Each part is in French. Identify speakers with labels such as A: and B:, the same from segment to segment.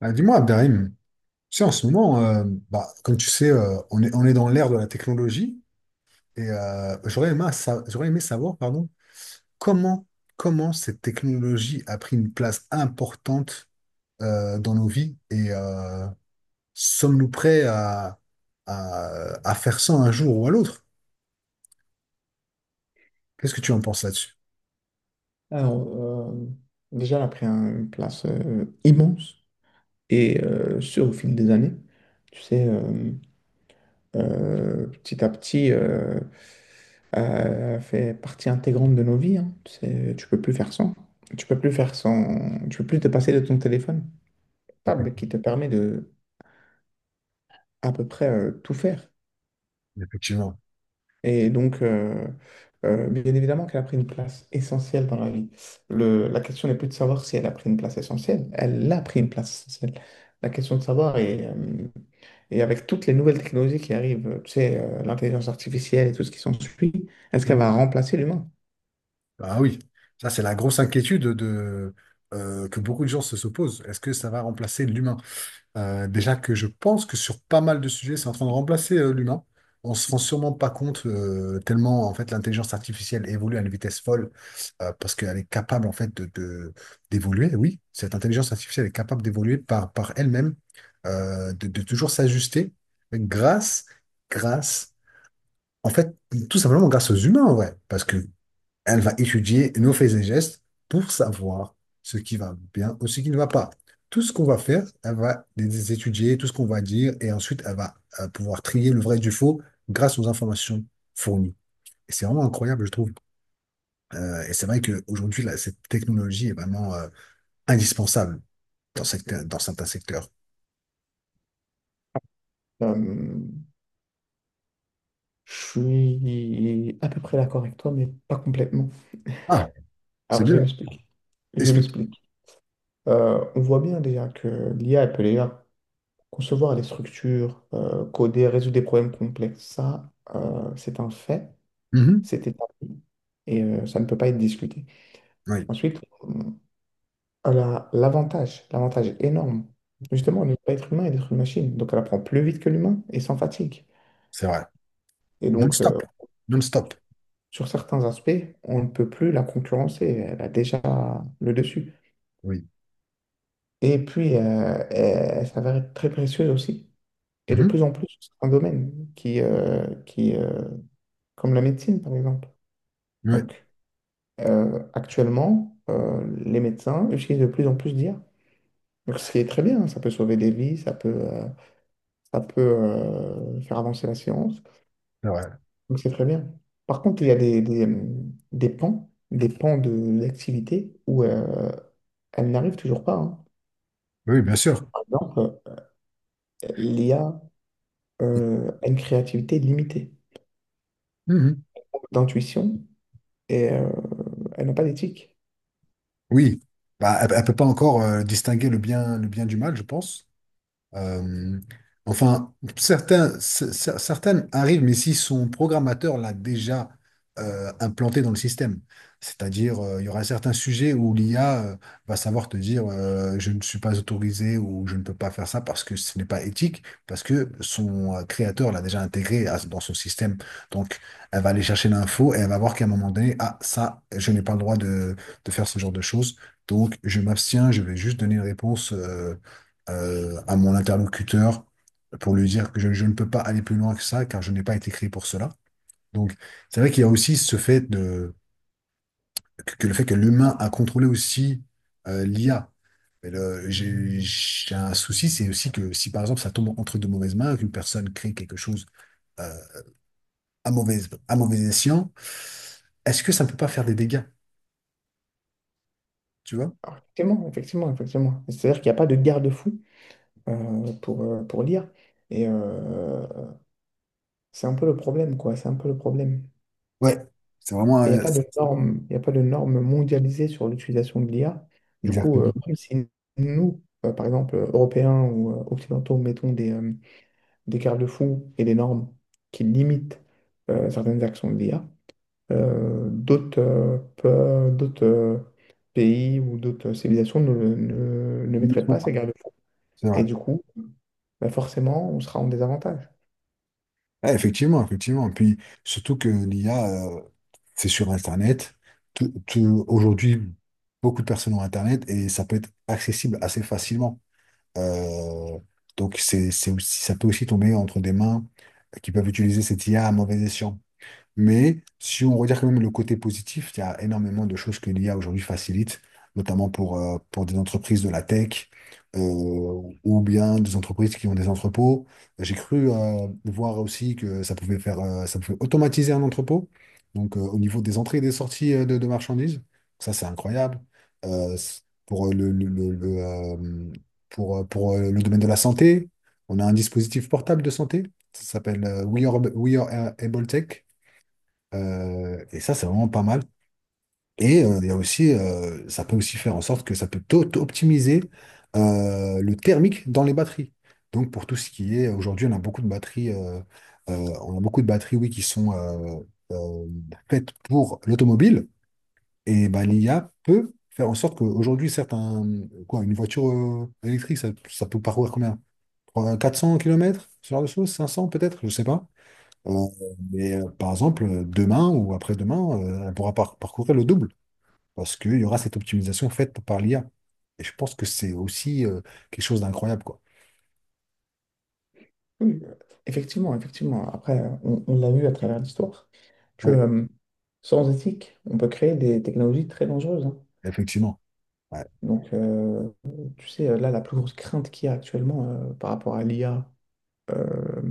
A: Ah, dis-moi, Abderrahim, tu sais, en ce moment, bah, comme tu sais, on est dans l'ère de la technologie et j'aurais aimé, j'aurais aimé savoir pardon, comment, comment cette technologie a pris une place importante dans nos vies et sommes-nous prêts à, à faire ça un jour ou à l'autre? Qu'est-ce que tu en penses là-dessus?
B: Alors, euh, déjà, elle a pris une place immense et sur au fil des années. Tu sais, euh, petit à petit, fait partie intégrante de nos vies, hein. Tu sais, tu peux plus faire sans. Tu peux plus faire sans. Tu peux plus te passer de ton téléphone. Table qui te permet de à peu près tout faire.
A: Effectivement.
B: Et donc, bien évidemment qu'elle a pris une place essentielle dans la vie. La question n'est plus de savoir si elle a pris une place essentielle, elle a pris une place essentielle. La question de savoir est, et avec toutes les nouvelles technologies qui arrivent, l'intelligence artificielle et tout ce qui s'ensuit, est-ce qu'elle va remplacer l'humain?
A: Ah oui, ça c'est la grosse inquiétude que beaucoup de gens se posent. Est-ce que ça va remplacer l'humain? Déjà que je pense que sur pas mal de sujets, c'est en train de remplacer l'humain. On se rend sûrement pas compte tellement en fait l'intelligence artificielle évolue à une vitesse folle parce qu'elle est capable en fait d'évoluer. Oui, cette intelligence artificielle est capable d'évoluer par elle-même, de toujours s'ajuster grâce, grâce, en fait tout simplement grâce aux humains, ouais. Parce que elle va étudier nos faits et gestes pour savoir ce qui va bien ou ce qui ne va pas. Tout ce qu'on va faire, elle va les étudier, tout ce qu'on va dire, et ensuite, elle va pouvoir trier le vrai du faux grâce aux informations fournies. Et c'est vraiment incroyable, je trouve. Et c'est vrai qu'aujourd'hui, là, cette technologie est vraiment indispensable dans certains secteurs.
B: Euh, je suis à peu près d'accord avec toi, mais pas complètement.
A: Ah, c'est
B: Alors, je
A: bien.
B: m'explique. Je
A: Explique.
B: m'explique. On voit bien déjà que l'IA, elle peut déjà concevoir les structures, coder, résoudre des problèmes complexes. Ça, c'est un fait,
A: Mhm.
B: c'est établi et ça ne peut pas être discuté.
A: Oui,
B: Ensuite, on a l'avantage, l'avantage énorme, justement, on n'est pas être humain et d'être une machine. Donc, elle apprend plus vite que l'humain et sans fatigue.
A: c'est vrai.
B: Et donc,
A: Non-stop. Non-stop.
B: sur certains aspects, on ne peut plus la concurrencer. Elle a déjà le dessus.
A: Oui.
B: Et puis, elle s'avère être très précieuse aussi. Et de
A: Mhm.
B: plus en plus sur certains domaines qui comme la médecine, par exemple.
A: Oui,
B: Donc, actuellement, les médecins utilisent de plus en plus d'IA. Donc, ce qui est très bien, hein, ça peut sauver des vies, ça peut faire avancer la science.
A: c'est vrai.
B: Donc, c'est très bien. Par contre, il y a des pans de l'activité où elle n'arrive toujours pas, hein.
A: Oui, bien sûr.
B: Par exemple, l'IA a une créativité limitée,
A: Mhm.
B: d'intuition, et elle n'a pas d'éthique.
A: Oui, bah, elle ne peut pas encore distinguer le bien du mal, je pense. Euh, enfin, certains, certaines arrivent, mais si son programmateur l'a déjà implanté dans le système. C'est-à-dire, il y aura certains sujets où l'IA va savoir te dire je ne suis pas autorisé ou je ne peux pas faire ça parce que ce n'est pas éthique, parce que son créateur l'a déjà intégré dans son système. Donc, elle va aller chercher l'info et elle va voir qu'à un moment donné, ah, ça, je n'ai pas le droit de faire ce genre de choses. Donc, je m'abstiens, je vais juste donner une réponse, à mon interlocuteur pour lui dire que je ne peux pas aller plus loin que ça car je n'ai pas été créé pour cela. Donc, c'est vrai qu'il y a aussi ce fait de, que le fait que l'humain a contrôlé aussi l'IA. Mais j'ai un souci, c'est aussi que si par exemple ça tombe entre de mauvaises mains, qu'une personne crée quelque chose euh, à mauvais, à mauvais escient, est-ce que ça ne peut pas faire des dégâts, tu vois?
B: Alors, effectivement, effectivement, effectivement. C'est-à-dire qu'il n'y a pas de garde-fou, pour lire. Et c'est un peu le problème, quoi. C'est un peu le problème.
A: Ouais, c'est vraiment...
B: Et il n'y a
A: euh,
B: pas de normes, il a pas de normes mondialisées sur l'utilisation de l'IA. Du coup,
A: exactement.
B: même si nous, par exemple, Européens ou Occidentaux, mettons des garde-fous et des normes qui limitent certaines actions de l'IA, d'autres pays ou d'autres civilisations ne mettraient pas ces garde-fous.
A: C'est
B: Et
A: vrai.
B: du coup, bah, forcément, on sera en désavantage.
A: Ah, effectivement, effectivement. Puis surtout que l'IA, c'est sur Internet. Aujourd'hui, beaucoup de personnes ont Internet et ça peut être accessible assez facilement. Euh, donc c'est aussi, ça peut aussi tomber entre des mains qui peuvent utiliser cette IA à mauvais escient. Mais si on regarde quand même le côté positif, il y a énormément de choses que l'IA aujourd'hui facilite, notamment pour des entreprises de la tech euh, ou bien des entreprises qui ont des entrepôts. J'ai cru voir aussi que ça pouvait faire, ça pouvait automatiser un entrepôt, donc au niveau des entrées et des sorties de marchandises. Ça, c'est incroyable. C- pour le, Pour le domaine de la santé, on a un dispositif portable de santé. Ça s'appelle We Are Able Tech. Et ça, c'est vraiment pas mal. Et il y a aussi, ça peut aussi faire en sorte que ça peut tôt optimiser le thermique dans les batteries. Donc pour tout ce qui est, aujourd'hui, on a beaucoup de batteries, on a beaucoup de batteries, oui, qui sont euh, faites pour l'automobile. Et bah, l'IA peut faire en sorte qu'aujourd'hui, certes, une voiture électrique, ça peut parcourir combien? 400 kilomètres ce genre de choses, 500 peut-être, je sais pas. Euh, mais par exemple, demain ou après-demain, elle pourra parcourir le double parce qu'il y aura cette optimisation faite par l'IA. Et je pense que c'est aussi quelque chose d'incroyable, quoi.
B: Oui, effectivement, effectivement. Après, on l'a vu à travers l'histoire que
A: Oui.
B: euh, sans éthique, on peut créer des technologies très dangereuses, hein.
A: Effectivement. Ouais.
B: Donc, là, la plus grosse crainte qu'il y a actuellement par rapport à l'IA euh,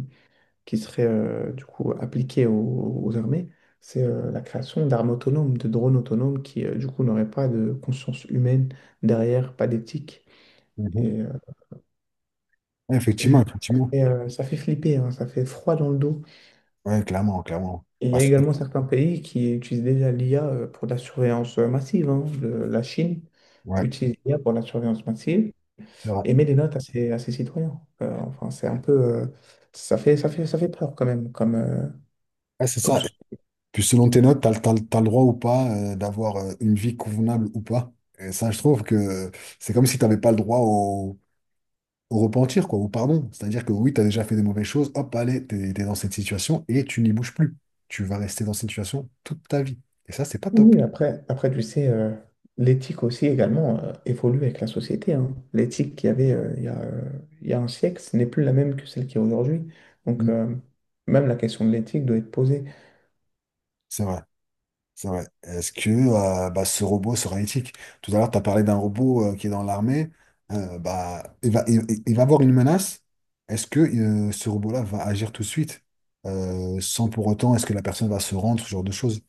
B: qui serait du coup appliquée aux armées, c'est la création d'armes autonomes, de drones autonomes qui du coup, n'auraient pas de conscience humaine derrière, pas d'éthique.
A: Mhm.
B: Et, euh, et
A: Effectivement,
B: voilà,
A: effectivement.
B: ça fait flipper, hein, ça fait froid dans le dos.
A: Ouais, clairement, clairement.
B: Il y a
A: Parce que-
B: également certains pays qui utilisent déjà l'IA pour la surveillance massive, hein. La Chine
A: ouais,
B: utilise l'IA pour la surveillance massive
A: c'est vrai.
B: et met des notes à ses citoyens. Enfin, c'est un peu, ça fait peur quand même.
A: Ouais, c'est
B: Comme...
A: ça.
B: ce-
A: Puis selon tes notes, t'as, le- t'as, le t'as le droit ou pas d'avoir une vie convenable ou pas. Et ça, je trouve que c'est comme si t'avais pas le droit au repentir, quoi, au pardon. C'est-à-dire que oui, t'as déjà fait des mauvaises choses, hop, allez, t'es dans cette situation et tu n'y bouges plus. Tu vas rester dans cette situation toute ta vie. Et ça, c'est pas
B: Oui,
A: top.
B: oui, après, après, tu sais, l'éthique aussi également évolue avec la société, hein. L'éthique qu'il y avait il y a un siècle, ce n'est plus la même que celle qu'il y a aujourd'hui. Donc,
A: Mm.
B: même la question de l'éthique doit être posée.
A: C'est vrai. C'est vrai. Est-ce que bah, ce robot sera éthique? Tout à l'heure, tu as parlé d'un robot qui est dans l'armée. Bah, il va avoir une menace. Est-ce que ce robot-là va agir tout de suite sans pour autant, est-ce que la personne va se rendre, ce genre de choses?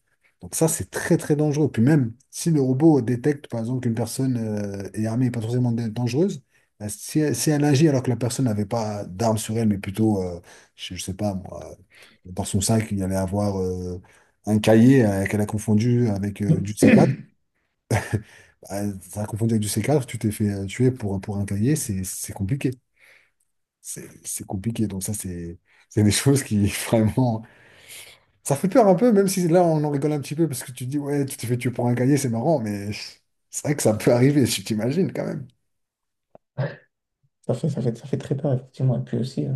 A: Donc ça, c'est très très dangereux. Puis même si le robot détecte, par exemple, qu'une personne est armée et pas forcément dangereuse, si, elle agit alors que la personne n'avait pas d'arme sur elle, mais plutôt, je sais pas moi, dans son sac, il allait avoir un cahier qu'elle a confondu avec du C4, Ça a confondu avec du C4. Tu t'es fait tuer pour un cahier, c'est compliqué. C'est compliqué. Donc ça, c'est des choses qui vraiment. Ça fait peur un peu, même si là, on en rigole un petit peu parce que tu te dis, ouais, tu t'es fait tuer pour un cahier, c'est marrant, mais c'est vrai que ça peut arriver, tu t'imagines quand même.
B: Ça fait très peur, effectivement. Et puis aussi, euh,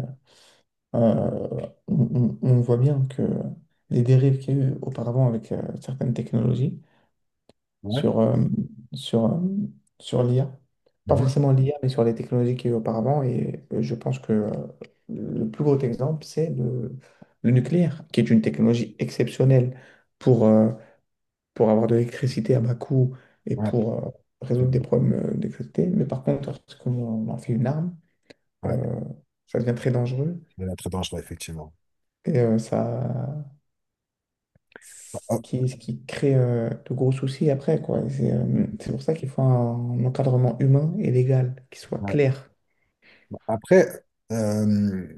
B: Euh, on, on- on voit bien que les dérives qu'il y a eu auparavant avec certaines technologies
A: Ouais.
B: sur, euh, sur, euh, sur l'IA, pas
A: Mhm.
B: forcément l'IA, mais sur les technologies qu'il y a eu auparavant. Et je pense que le plus gros exemple, c'est le nucléaire, qui est une technologie exceptionnelle pour, euh, pour avoir de l'électricité à bas coût et
A: Ouais.
B: pour
A: C'est-
B: résoudre des problèmes d'électricité. Mais par contre, lorsqu'on en fait une arme,
A: Ouais,
B: euh, ça devient très dangereux.
A: c'est très dangereux, effectivement.
B: Et ça. Ce
A: Ah,
B: qui, ce qui crée de gros soucis après, quoi. C'est pour ça qu'il faut un encadrement humain et légal qui soit
A: ouais.
B: clair.
A: Après, euh,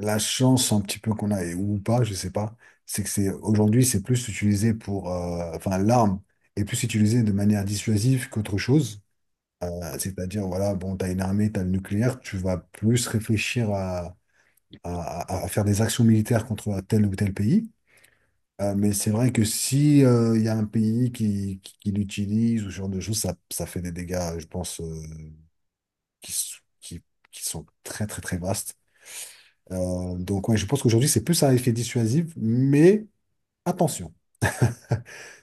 A: la chance un petit peu qu'on a, ou pas, je sais pas, c'est que c'est aujourd'hui, c'est plus utilisé pour, enfin, l'arme est plus utilisée de manière dissuasive qu'autre chose. C'est-à-dire, voilà, bon, t'as une armée, t'as le nucléaire, tu vas plus réfléchir à faire des actions militaires contre tel ou tel pays. Mais c'est vrai que si il y a un pays qui l'utilise ou ce genre de choses, ça fait des dégâts, je pense, qui, s- qui, qui sont très, très, très vastes. Donc, ouais, je pense qu'aujourd'hui, c'est plus un effet dissuasif, mais attention.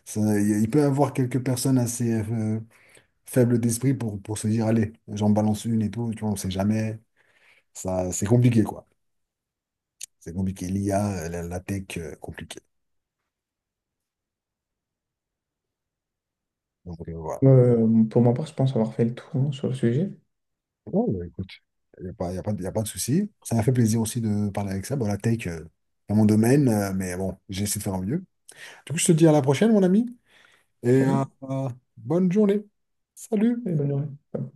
A: Ça, il peut y avoir quelques personnes assez faibles d'esprit pour se dire, allez, j'en balance une et tout, tu vois, on sait jamais. Ça, c'est compliqué, quoi. C'est compliqué. L'IA, la tech, compliqué. Donc, voilà.
B: Pour ma part, je pense avoir fait le tour, hein, sur le sujet.
A: Bon, bah, écoute, il n'y a pas, y a pas, de- y a pas de souci. Ça m'a fait plaisir aussi de parler avec ça. Bon, la tech, c'est mon domaine, mais bon, j'essaie de faire au mieux. Du coup, je te dis à la prochaine, mon ami, et
B: Salut
A: bonne journée. Salut!
B: et bonne journée.